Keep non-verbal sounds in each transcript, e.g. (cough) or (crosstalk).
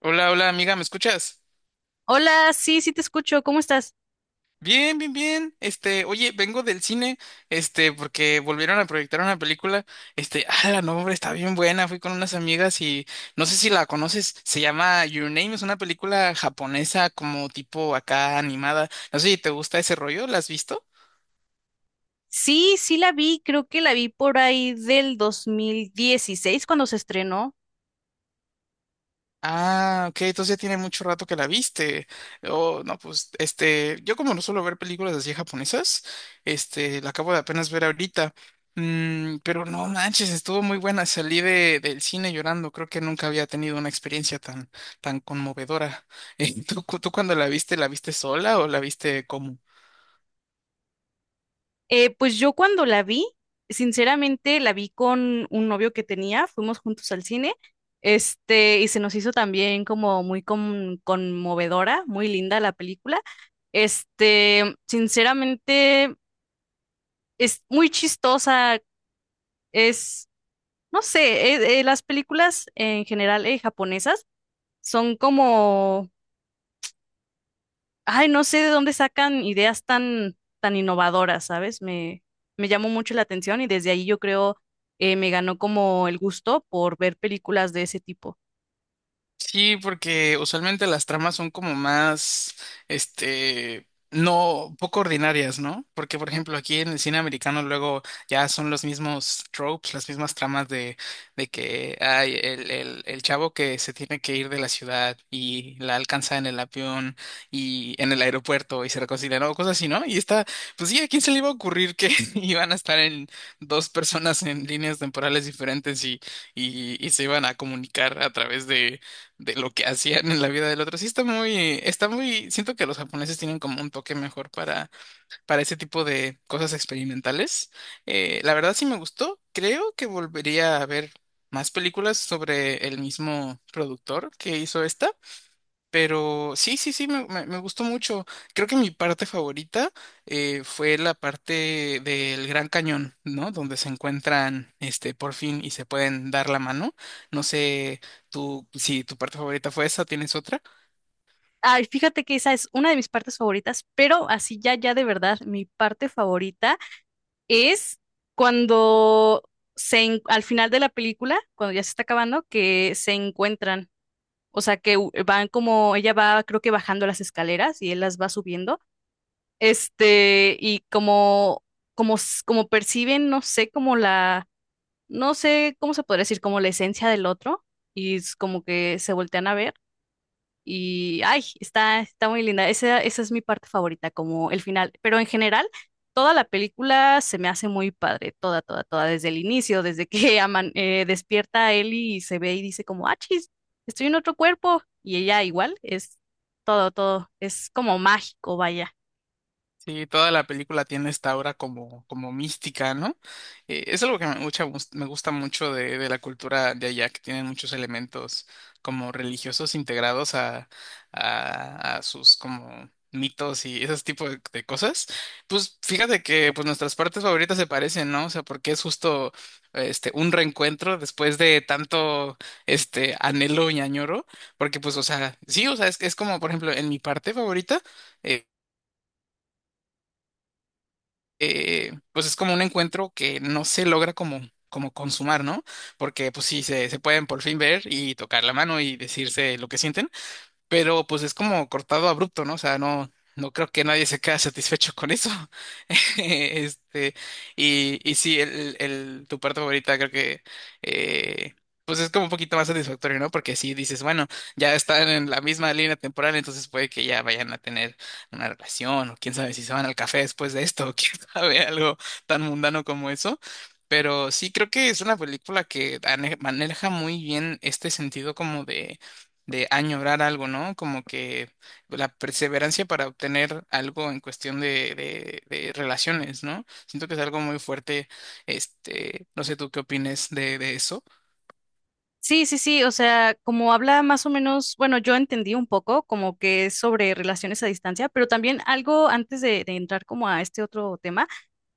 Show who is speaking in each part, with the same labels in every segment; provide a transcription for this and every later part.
Speaker 1: Hola, hola amiga, ¿me escuchas?
Speaker 2: Hola, sí, sí te escucho, ¿cómo estás?
Speaker 1: Bien, bien, bien. Oye, vengo del cine, porque volvieron a proyectar una película. La nombre está bien buena. Fui con unas amigas y no sé si la conoces. Se llama Your Name, es una película japonesa como tipo acá animada. No sé si te gusta ese rollo, ¿la has visto?
Speaker 2: Sí, sí la vi, creo que la vi por ahí del 2016 cuando se estrenó.
Speaker 1: Ah, ok, entonces ya tiene mucho rato que la viste. Oh, no, pues, yo como no suelo ver películas así japonesas, la acabo de apenas ver ahorita. Pero no manches, estuvo muy buena. Salí del cine llorando. Creo que nunca había tenido una experiencia tan, tan conmovedora. (laughs) ¿Tú cuando la viste sola o la viste como?
Speaker 2: Pues yo cuando la vi, sinceramente la vi con un novio que tenía, fuimos juntos al cine, este, y se nos hizo también como muy conmovedora, muy linda la película. Este, sinceramente es muy chistosa, es, no sé, las películas en general japonesas son como, ay, no sé de dónde sacan ideas tan, tan innovadoras, ¿sabes? Me llamó mucho la atención y desde ahí yo creo me ganó como el gusto por ver películas de ese tipo.
Speaker 1: Sí, porque usualmente las tramas son como más, no, poco ordinarias, ¿no? Porque, por ejemplo, aquí en el cine americano luego ya son los mismos tropes, las mismas tramas de que hay el chavo que se tiene que ir de la ciudad y la alcanza en el avión y en el aeropuerto y se reconcilian o cosas así, ¿no? Y está, pues sí, ¿a quién se le iba a ocurrir que (laughs) iban a estar en dos personas en líneas temporales diferentes y se iban a comunicar a través de lo que hacían en la vida del otro. Sí siento que los japoneses tienen como un toque mejor para ese tipo de cosas experimentales. La verdad sí me gustó. Creo que volvería a ver más películas sobre el mismo productor que hizo esta. Pero sí, sí, sí, me gustó mucho. Creo que mi parte favorita fue la parte del Gran Cañón, ¿no? Donde se encuentran, por fin y se pueden dar la mano. No sé, tú, si tu parte favorita fue esa, ¿tienes otra?
Speaker 2: Ay, fíjate que esa es una de mis partes favoritas, pero así ya, ya de verdad, mi parte favorita es cuando se, al final de la película, cuando ya se está acabando, que se encuentran. O sea, que van como, ella va, creo que bajando las escaleras y él las va subiendo. Este, y como, como, como perciben, no sé, como la, no sé cómo se podría decir, como la esencia del otro, y es como que se voltean a ver, y ay, está, está muy linda. Esa es mi parte favorita, como el final. Pero en general, toda la película se me hace muy padre, toda, toda, toda, desde el inicio, desde que (laughs) aman, despierta a Ellie y se ve y dice como, ah, chis, estoy en otro cuerpo, y ella igual, es todo, todo, es como mágico, vaya.
Speaker 1: Sí, toda la película tiene esta aura como mística, ¿no? Es algo que me gusta mucho de la cultura de allá, que tienen muchos elementos como religiosos integrados a, a sus como mitos y ese tipo de cosas. Pues fíjate que pues nuestras partes favoritas se parecen, ¿no? O sea, porque es justo un reencuentro después de tanto anhelo y añoro, porque pues, o sea, sí, o sea, es como, por ejemplo, en mi parte favorita. eh, pues es como un encuentro que no se logra como consumar, ¿no? Porque pues sí, se pueden por fin ver y tocar la mano y decirse lo que sienten, pero pues es como cortado abrupto, ¿no? O sea, no creo que nadie se quede satisfecho con eso. (laughs) Este, y sí, tu parte favorita creo que eh, pues es como un poquito más satisfactorio, ¿no? Porque sí dices, bueno, ya están en la misma línea temporal, entonces puede que ya vayan a tener una relación, o quién sabe si se van al café después de esto, (laughs) o quién sabe, algo tan mundano como eso. Pero sí creo que es una película que maneja muy bien este sentido como de añorar algo, ¿no? Como que la perseverancia para obtener algo en cuestión de relaciones, ¿no? Siento que es algo muy fuerte, no sé tú qué opines de eso.
Speaker 2: Sí, sí, sí, o sea, como habla más o menos, bueno, yo entendí un poco como que es sobre relaciones a distancia, pero también algo antes de entrar como a este otro tema,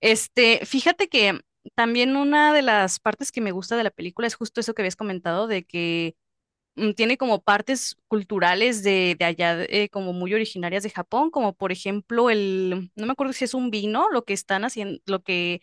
Speaker 2: este, fíjate que también una de las partes que me gusta de la película es justo eso que habías comentado, de que mm, tiene como partes culturales de allá, como muy originarias de Japón, como por ejemplo el, no me acuerdo si es un vino, lo que están haciendo, lo que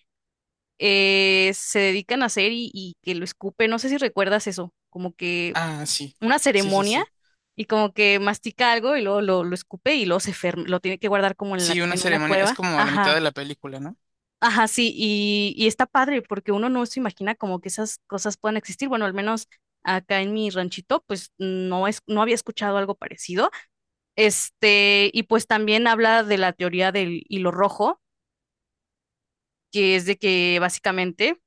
Speaker 2: se dedican a hacer y que lo escupe, no sé si recuerdas eso, como que
Speaker 1: Ah, sí,
Speaker 2: una
Speaker 1: sí, sí,
Speaker 2: ceremonia,
Speaker 1: sí.
Speaker 2: y como que mastica algo y luego lo escupe y luego se lo tiene que guardar como en la,
Speaker 1: Sí, una
Speaker 2: en una
Speaker 1: ceremonia, es
Speaker 2: cueva.
Speaker 1: como a la mitad de
Speaker 2: Ajá,
Speaker 1: la película, ¿no?
Speaker 2: ajá, sí, y está padre porque uno no se imagina como que esas cosas puedan existir. Bueno, al menos acá en mi ranchito, pues no es, no había escuchado algo parecido. Este, y pues también habla de la teoría del hilo rojo, que es de que básicamente,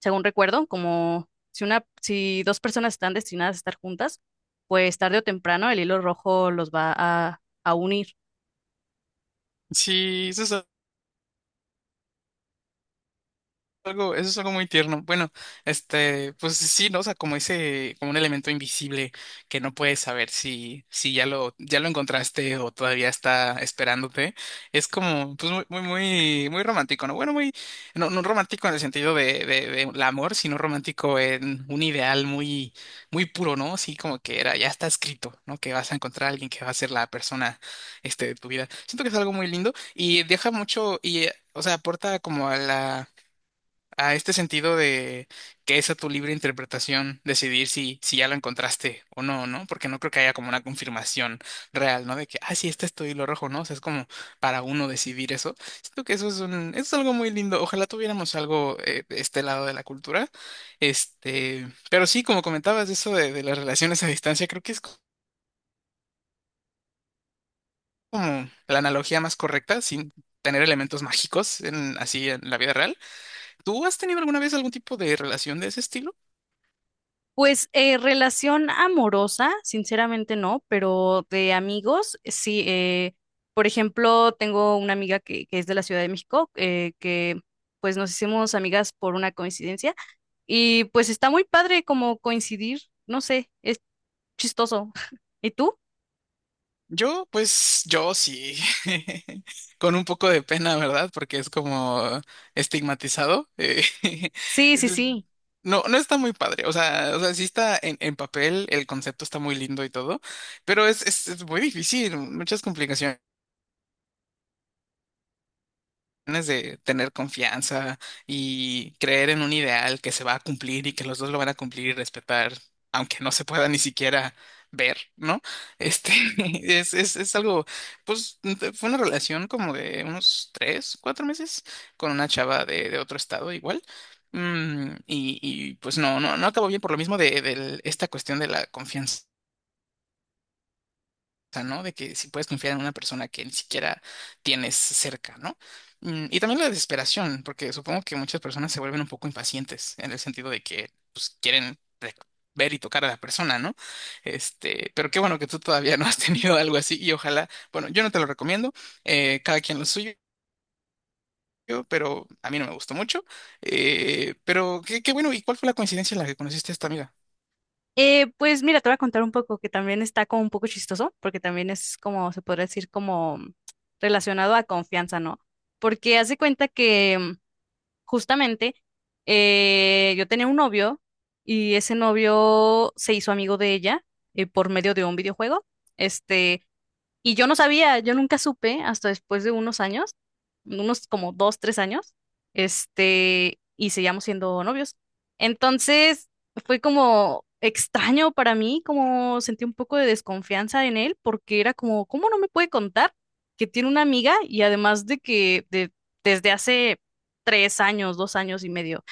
Speaker 2: según recuerdo, como si una, si dos personas están destinadas a estar juntas, pues tarde o temprano el hilo rojo los va a unir.
Speaker 1: Sí, eso es algo muy tierno. Bueno, pues sí, ¿no? O sea, como ese, como un elemento invisible que no puedes saber si ya lo encontraste o todavía está esperándote. Es como, pues muy, muy, muy, muy romántico, ¿no? Bueno, muy, no, no romántico en el sentido de el amor, sino romántico en un ideal muy, muy puro, ¿no? Así como que era, ya está escrito, ¿no? Que vas a encontrar a alguien que va a ser la persona, de tu vida. Siento que es algo muy lindo y deja mucho, o sea, aporta como a este sentido de que es a tu libre interpretación decidir si ya lo encontraste o no, ¿no? Porque no creo que haya como una confirmación real, ¿no? De que, ah, sí, este es tu hilo rojo, ¿no? O sea, es como para uno decidir eso. Siento que eso es algo muy lindo. Ojalá tuviéramos algo de este lado de la cultura. Pero sí, como comentabas, eso de las relaciones a distancia, creo que es como la analogía más correcta, sin tener elementos mágicos así en la vida real. ¿Tú has tenido alguna vez algún tipo de relación de ese estilo?
Speaker 2: Pues relación amorosa, sinceramente no, pero de amigos, sí. Por ejemplo, tengo una amiga que es de la Ciudad de México, que pues nos hicimos amigas por una coincidencia y pues está muy padre como coincidir, no sé, es chistoso. (laughs) ¿Y tú?
Speaker 1: Yo, pues, yo sí, (laughs) con un poco de pena, ¿verdad? Porque es como estigmatizado. (laughs)
Speaker 2: Sí, sí,
Speaker 1: El-
Speaker 2: sí.
Speaker 1: No, no está muy padre. O sea, sí está en papel, el concepto está muy lindo y todo, pero es muy difícil, muchas complicaciones. De tener confianza y creer en un ideal que se va a cumplir y que los dos lo van a cumplir y respetar, aunque no se pueda ni siquiera ver, ¿no? Este (laughs) es, es, es algo, pues fue una relación como de unos 3, 4 meses con una chava de otro estado igual. Y pues no acabó bien por lo mismo de esta cuestión de la confianza sea, ¿no? De que si puedes confiar en una persona que ni siquiera tienes cerca, ¿no? Y también la desesperación, porque supongo que muchas personas se vuelven un poco impacientes en el sentido de que pues, quieren ver y tocar a la persona, ¿no? Pero qué bueno que tú todavía no has (laughs) tenido algo así y ojalá, bueno, yo no te lo recomiendo, cada quien lo suyo. Pero a mí no me gustó mucho. Pero qué, qué bueno, ¿y cuál fue la coincidencia en la que conociste a esta amiga?
Speaker 2: Pues mira, te voy a contar un poco que también está como un poco chistoso, porque también es como, se podría decir, como relacionado a confianza, ¿no? Porque hace cuenta que mm, justamente, yo tenía un novio y ese novio se hizo amigo de ella por medio de un videojuego. Este, y yo no sabía, yo nunca supe hasta después de unos años, unos como dos, tres años, este, y seguíamos siendo novios. Entonces fue como extraño para mí, como sentí un poco de desconfianza en él, porque era como, ¿cómo no me puede contar que tiene una amiga? Y además de que desde hace tres años, dos años y medio.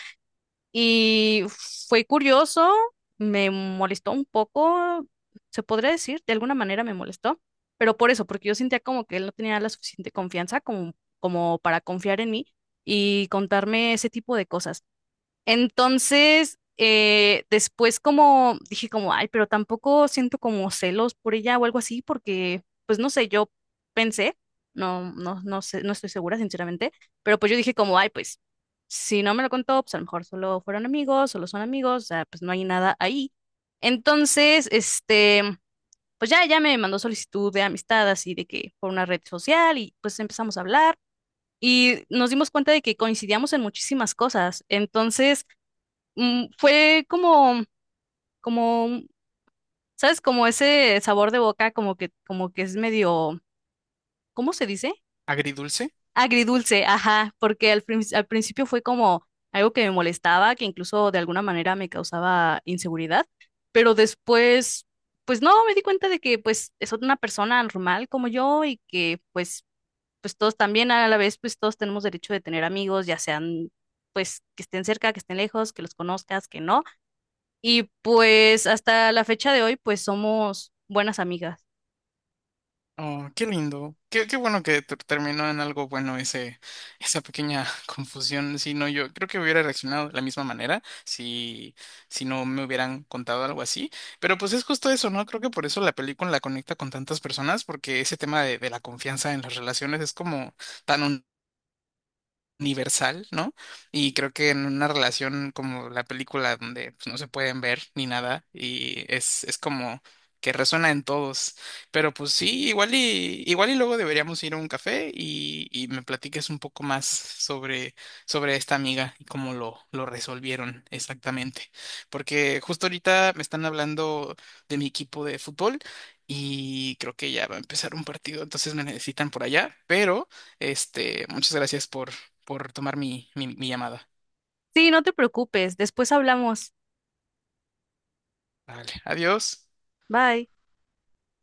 Speaker 2: Y fue curioso, me molestó un poco, se podría decir, de alguna manera me molestó, pero por eso, porque yo sentía como que él no tenía la suficiente confianza como, como para confiar en mí y contarme ese tipo de cosas. Entonces, después como dije como, ay, pero tampoco siento como celos por ella o algo así, porque, pues no sé, yo pensé, no, no, no sé, no estoy segura, sinceramente, pero pues yo dije como, ay, pues si no me lo contó, pues a lo mejor solo fueron amigos, solo son amigos, o sea, pues no hay nada ahí. Entonces, este, pues ya, ya me mandó solicitud de amistad, así de que por una red social y pues empezamos a hablar. Y nos dimos cuenta de que coincidíamos en muchísimas cosas. Entonces, mm, fue como, como, ¿sabes? Como ese sabor de boca, como que es medio, ¿cómo se dice?
Speaker 1: ¿Agridulce?
Speaker 2: Agridulce, ajá, porque al, al principio fue como algo que me molestaba, que incluso de alguna manera me causaba inseguridad, pero después, pues no, me di cuenta de que pues es una persona normal como yo y que pues, pues todos también a la vez, pues todos tenemos derecho de tener amigos, ya sean, pues que estén cerca, que estén lejos, que los conozcas, que no. Y pues hasta la fecha de hoy, pues somos buenas amigas.
Speaker 1: Oh, qué lindo. Qué, qué bueno que terminó en algo bueno ese, esa pequeña (laughs) confusión. Si no, yo creo que hubiera reaccionado de la misma manera si no me hubieran contado algo así. Pero pues es justo eso, ¿no? Creo que por eso la película la conecta con tantas personas, porque ese tema de la confianza en las relaciones es como tan universal, ¿no? Y creo que en una relación como la película donde pues, no se pueden ver ni nada y es como que resuena en todos. Pero pues sí, igual y luego deberíamos ir a un café y me platiques un poco más sobre esta amiga y cómo lo resolvieron exactamente. Porque justo ahorita me están hablando de mi equipo de fútbol y creo que ya va a empezar un partido, entonces me necesitan por allá, pero. Muchas gracias por tomar mi llamada.
Speaker 2: Sí, no te preocupes, después hablamos.
Speaker 1: Vale, adiós.
Speaker 2: Bye.